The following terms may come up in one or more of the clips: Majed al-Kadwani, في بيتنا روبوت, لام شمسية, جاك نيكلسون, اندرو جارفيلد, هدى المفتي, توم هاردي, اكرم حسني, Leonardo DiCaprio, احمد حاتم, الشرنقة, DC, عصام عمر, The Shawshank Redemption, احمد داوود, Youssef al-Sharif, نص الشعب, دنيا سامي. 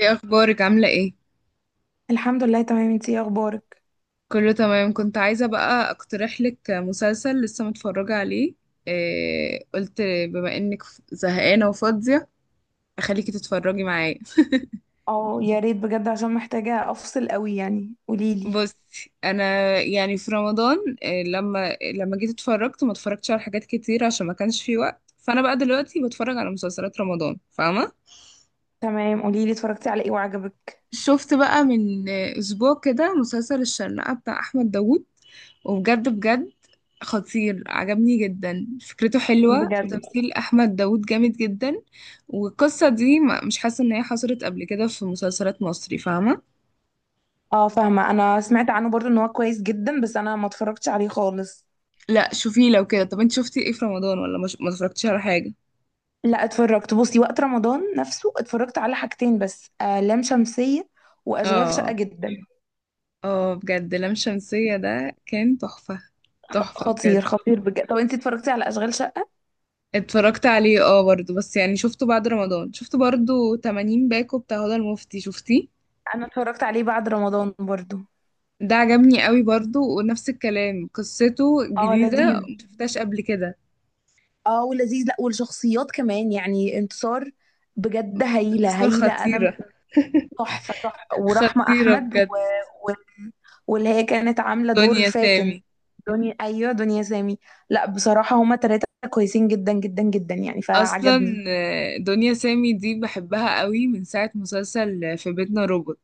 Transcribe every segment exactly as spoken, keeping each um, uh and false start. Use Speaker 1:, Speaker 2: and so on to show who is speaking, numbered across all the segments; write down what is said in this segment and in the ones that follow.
Speaker 1: ايه اخبارك، عامله ايه؟
Speaker 2: الحمد لله، تمام. انتي ايه اخبارك؟
Speaker 1: كله تمام. كنت عايزه بقى اقترح لك مسلسل لسه متفرجه عليه. إيه، قلت بما انك ف- زهقانه وفاضيه، اخليكي تتفرجي معايا.
Speaker 2: اه يا ريت بجد، عشان محتاجة افصل قوي، يعني قوليلي.
Speaker 1: بصي انا، يعني في رمضان، إيه، لما لما جيت اتفرجت ما اتفرجتش على حاجات كتير عشان ما كانش في وقت، فانا بقى دلوقتي بتفرج على مسلسلات رمضان، فاهمه؟
Speaker 2: تمام، قوليلي اتفرجتي على ايه وعجبك؟
Speaker 1: شفت بقى من اسبوع كده مسلسل الشرنقة بتاع احمد داوود، وبجد بجد خطير، عجبني جدا، فكرته حلوة
Speaker 2: بجد؟
Speaker 1: وتمثيل احمد داوود جامد جدا. والقصة دي ما- مش حاسة ان هي حصلت قبل كده في مسلسلات مصري، فاهمة؟
Speaker 2: اه فاهمة، انا سمعت عنه برضو ان هو كويس جدا، بس انا ما اتفرجتش عليه خالص.
Speaker 1: لا شوفيه لو كده. طب انت شفتي ايه في رمضان ولا مش... ما اتفرجتيش على حاجة؟
Speaker 2: لا اتفرجت، بصي وقت رمضان نفسه اتفرجت على حاجتين بس. آه لام شمسية واشغال شقة
Speaker 1: اه،
Speaker 2: جدا.
Speaker 1: اه، بجد لام شمسية ده كان تحفة، تحفة
Speaker 2: خطير
Speaker 1: بجد.
Speaker 2: خطير بجد. طب انتي اتفرجتي على اشغال شقة؟
Speaker 1: اتفرجت عليه اه، برضه بس يعني شفته بعد رمضان. شفت برضه 80 باكو بتاع هدى المفتي، شفتيه؟
Speaker 2: انا اتفرجت عليه بعد رمضان برضو.
Speaker 1: ده عجبني قوي برضه، ونفس الكلام، قصته
Speaker 2: اه
Speaker 1: جديدة
Speaker 2: لذيذ.
Speaker 1: مشفتهاش قبل كده.
Speaker 2: اه ولذيذ. لا، والشخصيات كمان، يعني انتصار بجد هايلة
Speaker 1: انتصار
Speaker 2: هايلة. انا
Speaker 1: خطيرة،
Speaker 2: تحفة تحفة، ورحمة
Speaker 1: خطيرة
Speaker 2: احمد و...
Speaker 1: بجد.
Speaker 2: و... واللي هي كانت عاملة دور
Speaker 1: دنيا
Speaker 2: فاتن؟
Speaker 1: سامي
Speaker 2: دنيا، ايوه، دنيا سامي. لا بصراحة هما تلاتة كويسين جدا جدا جدا، يعني فعجبني.
Speaker 1: اصلا آه، دنيا سامي دي بحبها قوي من ساعة مسلسل في بيتنا روبوت.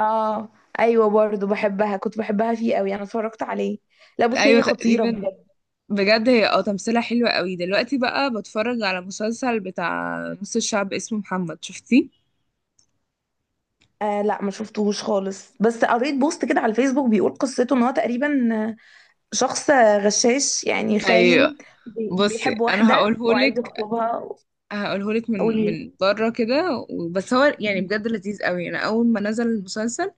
Speaker 2: اه. ايوه برضو بحبها، كنت بحبها فيه قوي. انا اتفرجت عليه. لا بصي،
Speaker 1: ايوه،
Speaker 2: هي خطيرة
Speaker 1: تقريبا.
Speaker 2: بجد.
Speaker 1: بجد هي اه تمثيلها حلوة قوي. دلوقتي بقى بتفرج على مسلسل بتاع نص الشعب اسمه محمد، شفتيه؟
Speaker 2: آه لا ما شفتهوش خالص، بس قريت بوست كده على الفيسبوك بيقول قصته ان هو تقريبا شخص غشاش، يعني
Speaker 1: ايوه.
Speaker 2: خاين. بي-
Speaker 1: بصي
Speaker 2: بيحب
Speaker 1: انا
Speaker 2: واحدة وعايز
Speaker 1: هقولهولك،
Speaker 2: يخطبها.
Speaker 1: هقولهولك من
Speaker 2: قولي.
Speaker 1: من بره كده، و- بس هو يعني بجد لذيذ قوي. انا اول ما نزل المسلسل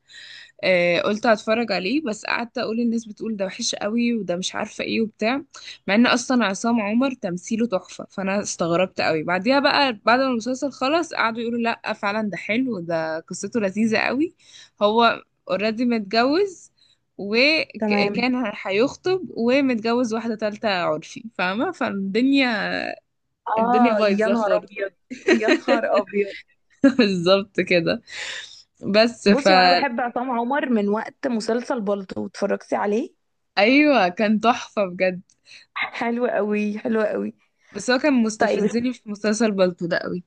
Speaker 1: آه قلت هتفرج عليه، بس قعدت اقول الناس بتقول ده وحش قوي وده مش عارفه ايه وبتاع، مع ان اصلا عصام عمر تمثيله تحفه. فانا استغربت قوي، بعديها بقى بعد ما المسلسل خلص قعدوا يقولوا لا فعلا ده حلو، ده قصته لذيذه قوي. هو اوريدي متجوز،
Speaker 2: تمام.
Speaker 1: وكان هيخطب، ومتجوز واحدة تالتة، عرفي، فاهمة؟ فالدنيا، الدنيا
Speaker 2: اه يا
Speaker 1: بايظه
Speaker 2: نهار
Speaker 1: خالص.
Speaker 2: ابيض. يا نهار ابيض.
Speaker 1: بالظبط كده. بس ف،
Speaker 2: بصي، وانا بحب عصام عمر من وقت مسلسل بالطو، اتفرجتي عليه؟
Speaker 1: ايوه كان تحفه بجد.
Speaker 2: حلو قوي، حلو قوي.
Speaker 1: بس هو كان
Speaker 2: طيب.
Speaker 1: مستفزني في مسلسل بالطو ده قوي.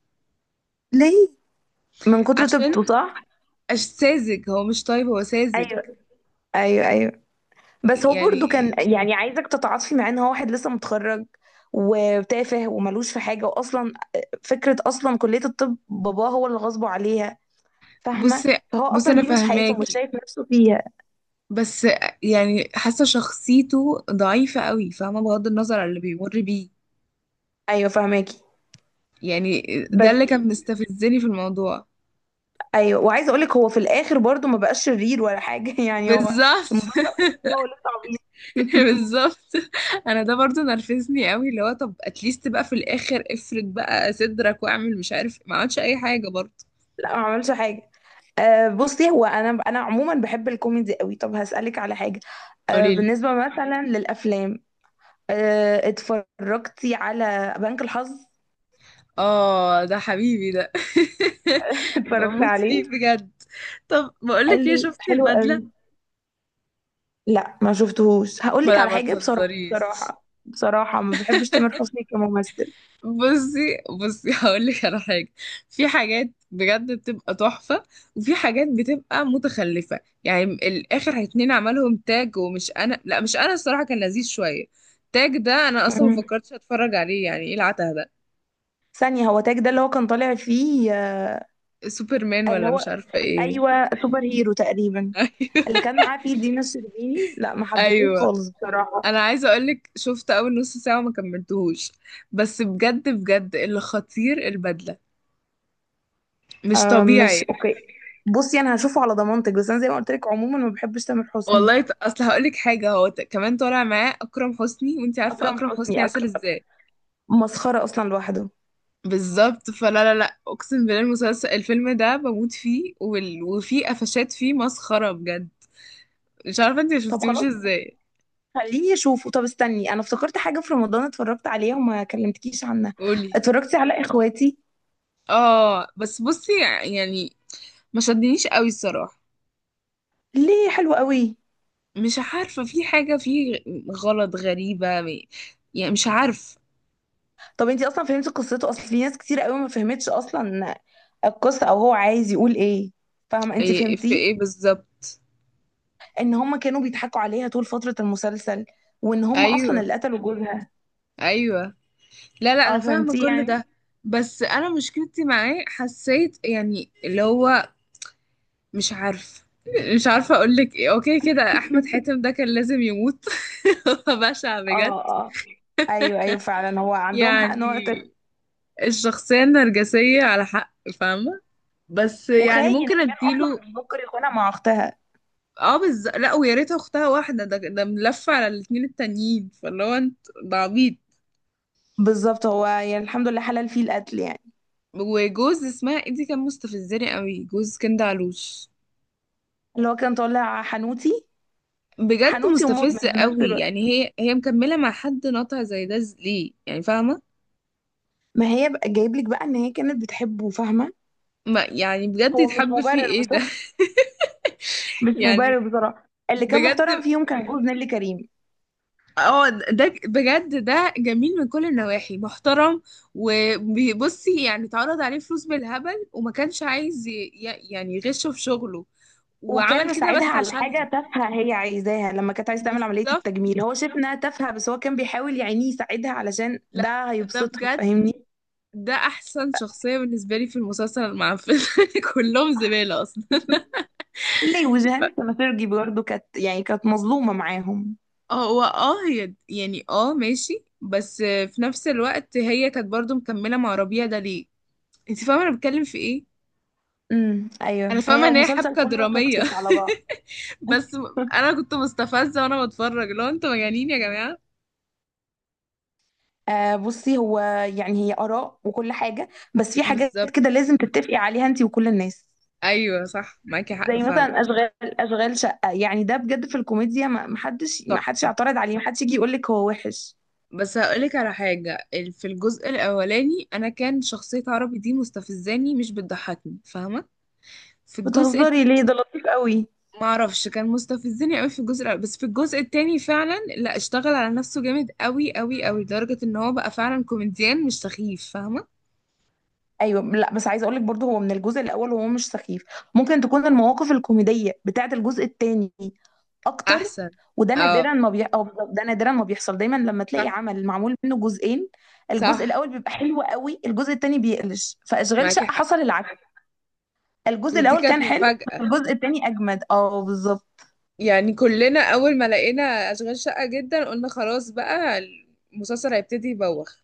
Speaker 2: ليه؟ من كتر
Speaker 1: عشان
Speaker 2: طيبته، صح؟
Speaker 1: أش- ساذج، هو مش طيب، هو ساذج.
Speaker 2: ايوه. ايوه ايوه. بس هو برضو كان
Speaker 1: يعني
Speaker 2: يعني عايزك تتعاطفي معاه ان هو واحد لسه متخرج، وتافه وملوش في حاجه، واصلا فكره اصلا كليه الطب باباه هو اللي غصبه عليها، فاهمه؟
Speaker 1: بصي،
Speaker 2: فهو
Speaker 1: بصي،
Speaker 2: اصلا
Speaker 1: انا
Speaker 2: دي مش حياته ومش
Speaker 1: فاهماكي،
Speaker 2: شايف نفسه فيها.
Speaker 1: بس يعني حاسه شخصيته ضعيفه قوي، فاهمه، بغض النظر عن اللي بيمر بيه.
Speaker 2: ايوه فاهماكي،
Speaker 1: يعني ده
Speaker 2: بس...
Speaker 1: اللي كان مستفزني في الموضوع.
Speaker 2: ايوه، وعايزه اقولك هو في الاخر برضو ما بقاش شرير ولا حاجه يعني هو
Speaker 1: بالظبط.
Speaker 2: المسلسل خلص وهو لسه عبيط
Speaker 1: بالظبط. انا ده برضو نرفزني قوي، اللي هو طب اتليست بقى في الاخر افرد بقى صدرك واعمل مش عارف، ما عملتش اي حاجه برضو.
Speaker 2: لا ما عملش حاجه. أه بصي، هو انا انا عموما بحب الكوميدي قوي. طب هسألك على حاجه، أه
Speaker 1: قوليلي،
Speaker 2: بالنسبه مثلا للافلام، آه، اتفرجتي على بنك الحظ؟
Speaker 1: اه ده حبيبي ده.
Speaker 2: اتفرجت
Speaker 1: بموت
Speaker 2: عليه.
Speaker 1: فيه بجد. طب بقولك ايه،
Speaker 2: حلو،
Speaker 1: شفتي
Speaker 2: حلو قوي.
Speaker 1: البدله؟
Speaker 2: لا ما شفتهوش، هقول
Speaker 1: ما
Speaker 2: لك
Speaker 1: لا،
Speaker 2: على
Speaker 1: ما
Speaker 2: حاجه، بصراحه
Speaker 1: تهزريش.
Speaker 2: بصراحه بصراحه ما بحبش تامر حسني كممثل.
Speaker 1: بصي، بصي، هقول لك على حاجه. في حاجات بجد بتبقى تحفه، وفي حاجات بتبقى متخلفه. يعني الاخر اتنين عملهم تاج، ومش انا، لا مش انا، الصراحه كان لذيذ شويه. تاج ده انا اصلا ما
Speaker 2: مم.
Speaker 1: فكرتش اتفرج عليه، يعني ايه العته ده؟
Speaker 2: ثانيه، هو تاج ده اللي هو كان طالع فيه آه،
Speaker 1: سوبرمان
Speaker 2: اللي
Speaker 1: ولا
Speaker 2: هو
Speaker 1: مش عارفه ايه.
Speaker 2: ايوه، سوبر هيرو تقريبا.
Speaker 1: ايوه،
Speaker 2: اللي كان معاه فيه دينا الشربيني، لا ما حبيتهوش
Speaker 1: ايوه
Speaker 2: خالص بصراحه.
Speaker 1: انا عايزه اقولك شفت اول نص ساعه وما كملتهوش. بس بجد بجد اللي خطير البدله، مش
Speaker 2: آه، مش
Speaker 1: طبيعي.
Speaker 2: اوكي. بصي انا هشوفه على ضمانتك، بس انا زي ما قلت لك عموما ما بحبش تامر حسني.
Speaker 1: والله، ط- اصل هقول لك حاجه، هو ت- كمان طالع معاه اكرم حسني، وانت عارفه
Speaker 2: اكرم
Speaker 1: اكرم حسني
Speaker 2: حسني
Speaker 1: عسل
Speaker 2: أك...
Speaker 1: ازاي.
Speaker 2: مسخره اصلا لوحده.
Speaker 1: بالظبط، فلا لا لا، اقسم بالله المسلسل، الفيلم ده بموت فيه، وال... وفيه قفشات، فيه مسخره بجد. مش عارفه انت ما
Speaker 2: طب
Speaker 1: شفتيهوش
Speaker 2: خلاص،
Speaker 1: ازاي.
Speaker 2: خليني اشوفه. طب استني، انا افتكرت حاجه في رمضان اتفرجت عليها وما كلمتكيش عنها.
Speaker 1: قولي،
Speaker 2: اتفرجتي على اخواتي؟
Speaker 1: اه بس بصي، يعني ما شدنيش قوي الصراحه.
Speaker 2: ليه؟ حلو قوي.
Speaker 1: مش عارفه، في حاجه فيه غ- غلط غريبه م- يعني مش عارف.
Speaker 2: طب انتي اصلا فهمتي قصته؟ اصل في ناس كتير قوي ما فهمتش اصلا القصه، او هو عايز يقول ايه. فاهمه؟ انتي
Speaker 1: إيه، في
Speaker 2: فهمتيه؟
Speaker 1: ايه بالظبط؟
Speaker 2: ان هم كانوا بيضحكوا عليها طول فتره المسلسل، وان هم اصلا
Speaker 1: ايوه،
Speaker 2: اللي قتلوا جوزها.
Speaker 1: ايوه. لا، لا،
Speaker 2: اه
Speaker 1: انا فاهمه
Speaker 2: فهمتيه
Speaker 1: كل
Speaker 2: يعني.
Speaker 1: ده. بس انا مشكلتي معاه، حسيت يعني اللي هو مش عارف، مش عارفه اقول لك ايه. اوكي كده، احمد حاتم ده كان لازم يموت. هو بشع بجد.
Speaker 2: اه اه. ايوه ايوه، فعلا هو عندهم حق ان هو
Speaker 1: يعني
Speaker 2: يقتل-،
Speaker 1: الشخصيه النرجسيه على حق، فاهمه؟ بس يعني
Speaker 2: وخاين،
Speaker 1: ممكن
Speaker 2: وكان اصلا
Speaker 1: اديله.
Speaker 2: بيفكر يخونها مع اختها.
Speaker 1: اه بز... لا، ويا ريت اختها واحده، ده ده ملف على الاتنين التانيين، فاللي هو انت، ده عبيط.
Speaker 2: بالظبط، هو يعني الحمد لله حلال فيه القتل يعني.
Speaker 1: وجوز اسمها ايه دي كان مستفزني قوي، جوز كندا علوش.
Speaker 2: اللي هو كان طالع حنوتي.
Speaker 1: بجد
Speaker 2: حنوتي ومدمن
Speaker 1: مستفزة
Speaker 2: في نفس
Speaker 1: قوي،
Speaker 2: الوقت.
Speaker 1: يعني هي هي مكملة مع حد ناطع زي ده ز- ليه يعني، فاهمة؟
Speaker 2: ما هي بقى جايب لك بقى ان هي كانت بتحبه، فاهمه.
Speaker 1: ما يعني بجد
Speaker 2: هو مش
Speaker 1: يتحب فيه
Speaker 2: مبرر
Speaker 1: ايه ده؟
Speaker 2: بصراحه. مش
Speaker 1: يعني
Speaker 2: مبرر بصراحه، اللي كان محترم
Speaker 1: بجد،
Speaker 2: فيهم كان جوز نيللي كريم.
Speaker 1: اه ده بجد، ده جميل من كل النواحي، محترم. وبصي يعني، اتعرض عليه فلوس بالهبل وما كانش عايز ي- ي- يعني يغشه في شغله،
Speaker 2: وكان
Speaker 1: وعمل كده
Speaker 2: مساعدها
Speaker 1: بس
Speaker 2: على
Speaker 1: عشانها.
Speaker 2: حاجه تافهه هي عايزاها، لما كانت عايزه تعمل عمليه
Speaker 1: بالظبط.
Speaker 2: التجميل هو شايف انها تافهه، بس هو كان بيحاول يعني يساعدها علشان
Speaker 1: لا،
Speaker 2: ده
Speaker 1: ده
Speaker 2: هيبسطها،
Speaker 1: بجد،
Speaker 2: فاهمني؟
Speaker 1: ده احسن شخصية بالنسبة لي في المسلسل المعفن. كلهم زبالة اصلا.
Speaker 2: ليه وجهان سنافيرجي برضه كانت، يعني كانت مظلومه معاهم.
Speaker 1: اه، هو اه هي يعني اه ماشي، بس في نفس الوقت هي كانت برضو مكملة مع ربيع ده ليه؟ انت فاهمة انا بتكلم في ايه؟
Speaker 2: امم
Speaker 1: انا
Speaker 2: ايوه، هي
Speaker 1: فاهمة ان هي
Speaker 2: المسلسل
Speaker 1: حبكة
Speaker 2: كله
Speaker 1: درامية.
Speaker 2: توكسيك على بعض.
Speaker 1: بس م- انا كنت مستفزة وانا بتفرج، لو انتوا مجانين يا جماعة.
Speaker 2: آه بصي، هو يعني هي آراء وكل حاجة، بس في حاجات
Speaker 1: بالظبط.
Speaker 2: كده لازم تتفقي عليها انتي وكل الناس.
Speaker 1: ايوه، صح، معاكي حق
Speaker 2: زي
Speaker 1: فعلا.
Speaker 2: مثلا اشغال اشغال شقة، يعني ده بجد في الكوميديا ما ما حدش ما حدش
Speaker 1: تحفة.
Speaker 2: يعترض عليه، ما حدش يجي يقول لك هو وحش.
Speaker 1: بس هقولك على حاجة، ال- في الجزء الأولاني أنا كان شخصية عربي دي مستفزاني، مش بتضحكني، فاهمة؟ في الجزء،
Speaker 2: بتهزري ليه؟ ده لطيف قوي.
Speaker 1: ما اعرفش كان مستفزني قوي في الجزء الاول، بس في الجزء التاني فعلا، لا، اشتغل على نفسه جامد قوي قوي قوي، لدرجة ان هو بقى فعلا كوميديان مش سخيف، فاهمة؟
Speaker 2: ايوه، لا بس عايزه اقول لك برضه هو من الجزء الاول وهو مش سخيف. ممكن تكون المواقف الكوميديه بتاعه الجزء الثاني اكتر.
Speaker 1: احسن.
Speaker 2: وده
Speaker 1: اه،
Speaker 2: نادرا ما بي... أو بالظبط، ده نادرا ما بيحصل. دايما لما
Speaker 1: صح
Speaker 2: تلاقي عمل معمول منه جزئين، الجزء
Speaker 1: صح،
Speaker 2: الاول بيبقى حلو قوي، الجزء الثاني بيقلش. فاشغال
Speaker 1: معاكي
Speaker 2: شقه
Speaker 1: حق.
Speaker 2: حصل العكس. الجزء
Speaker 1: ودي
Speaker 2: الاول
Speaker 1: كانت
Speaker 2: كان حلو، بس
Speaker 1: مفاجأة.
Speaker 2: الجزء الثاني اجمد، اه بالظبط.
Speaker 1: يعني كلنا اول ما لقينا اشغال شقة جدا قلنا خلاص بقى، المسلسل هيبتدي يبوخ.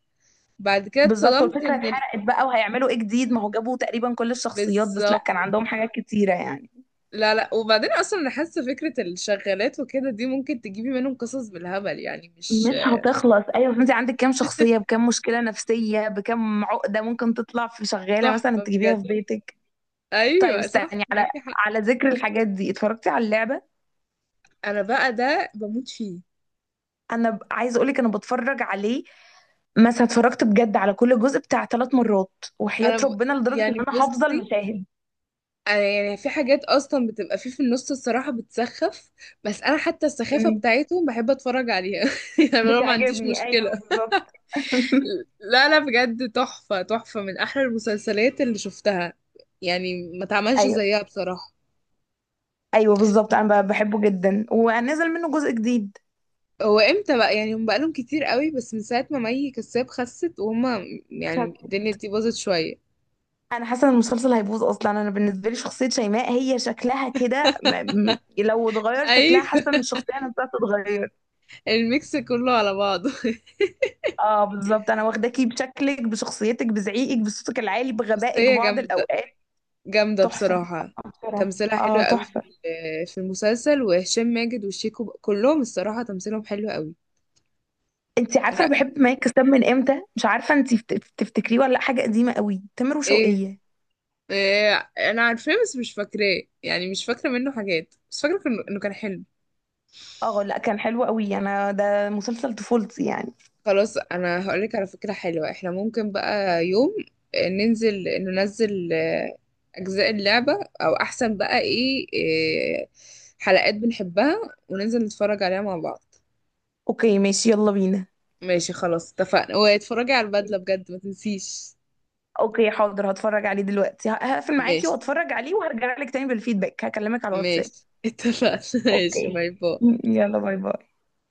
Speaker 1: بعد كده
Speaker 2: بالظبط،
Speaker 1: اتصدمت
Speaker 2: والفكره
Speaker 1: ان ال...
Speaker 2: اتحرقت بقى، وهيعملوا ايه جديد؟ ما هو جابوا تقريبا كل الشخصيات، بس لا
Speaker 1: بالظبط.
Speaker 2: كان عندهم حاجات كتيره يعني.
Speaker 1: لا، لا، وبعدين اصلا انا حاسه فكره الشغالات وكده دي ممكن تجيبي منهم قصص بالهبل، يعني مش.
Speaker 2: مش هتخلص، ايوه. فانت عندك كام شخصيه بكام مشكله نفسيه بكام عقده، ممكن تطلع في شغاله مثلا
Speaker 1: تحفه
Speaker 2: تجيبيها
Speaker 1: بجد.
Speaker 2: في بيتك. طيب
Speaker 1: ايوه، صح،
Speaker 2: استني على
Speaker 1: معاكي حق.
Speaker 2: على ذكر الحاجات دي، اتفرجتي على اللعبه؟
Speaker 1: انا بقى ده بموت فيه.
Speaker 2: انا ب... عايزه اقولك انا بتفرج عليه. مثلا اتفرجت بجد على كل جزء بتاع ثلاث مرات وحياه
Speaker 1: انا ب...
Speaker 2: ربنا، لدرجه ان
Speaker 1: يعني
Speaker 2: انا حافظه
Speaker 1: بصي،
Speaker 2: المشاهد.
Speaker 1: أنا يعني في حاجات اصلا بتبقى فيه في النص الصراحه بتسخف، بس انا حتى السخافه
Speaker 2: مم.
Speaker 1: بتاعتهم بحب اتفرج عليها. يعني انا ما عنديش
Speaker 2: بتعجبني، ايوه
Speaker 1: مشكله.
Speaker 2: بالظبط.
Speaker 1: لا، لا، بجد تحفه تحفه، من احلى المسلسلات اللي شفتها، يعني ما تعملش
Speaker 2: ايوه
Speaker 1: زيها بصراحه.
Speaker 2: ايوه بالظبط، انا ب- بحبه جدا، ونزل منه جزء جديد.
Speaker 1: هو امتى بقى؟ يعني هم بقالهم كتير قوي، بس من ساعه ما مي كساب خست وهم، يعني الدنيا دي باظت شويه.
Speaker 2: انا حاسه ان المسلسل هيبوظ. اصلا انا بالنسبه لي شخصيه شيماء، هي شكلها كده م- م- لو اتغير
Speaker 1: ايوه.
Speaker 2: شكلها حاسه ان الشخصيه نفسها تتغير.
Speaker 1: الميكس كله على بعضه.
Speaker 2: اه بالظبط، انا واخداكي بشكلك، بشخصيتك، بزعيقك، بصوتك العالي،
Speaker 1: بس
Speaker 2: بغبائك
Speaker 1: هي
Speaker 2: بعض
Speaker 1: جامدة،
Speaker 2: الاوقات.
Speaker 1: جامدة
Speaker 2: تحفه.
Speaker 1: بصراحة.
Speaker 2: آه، بصراحه
Speaker 1: تمثيلها حلو
Speaker 2: اه
Speaker 1: قوي في
Speaker 2: تحفه.
Speaker 1: ال- في المسلسل، وهشام ماجد وشيكو ب- كلهم الصراحة تمثيلهم حلو قوي.
Speaker 2: انت عارفه
Speaker 1: لا
Speaker 2: انا بحب مايك كساب من امتى؟ مش عارفه انت تفتكريه ولا لأ، حاجه قديمه قوي، تامر
Speaker 1: ايه,
Speaker 2: وشوقية.
Speaker 1: إيه انا عارفاه بس مش فاكراه، يعني مش فاكرة منه حاجات، بس فاكرة كان- انه كان حلو.
Speaker 2: اه لا كان حلو قوي، انا ده مسلسل طفولتي يعني.
Speaker 1: خلاص، انا هقولك على فكرة حلوة. احنا ممكن بقى يوم آه، ننزل ننزل آه، اجزاء اللعبة، او احسن بقى ايه, إيه حلقات بنحبها، وننزل نتفرج عليها مع بعض.
Speaker 2: اوكي ماشي، يلا بينا.
Speaker 1: ماشي، خلاص اتفقنا. واتفرجي على البدلة بجد، ما تنسيش.
Speaker 2: اوكي حاضر، هتفرج عليه دلوقتي، ه- هقفل معاكي
Speaker 1: ماشي،
Speaker 2: واتفرج عليه، وهرجع لك تاني بالفيدباك، هكلمك على الواتساب.
Speaker 1: ماشي، اتفقنا. ماشي،
Speaker 2: اوكي
Speaker 1: باي باي.
Speaker 2: يلا باي باي.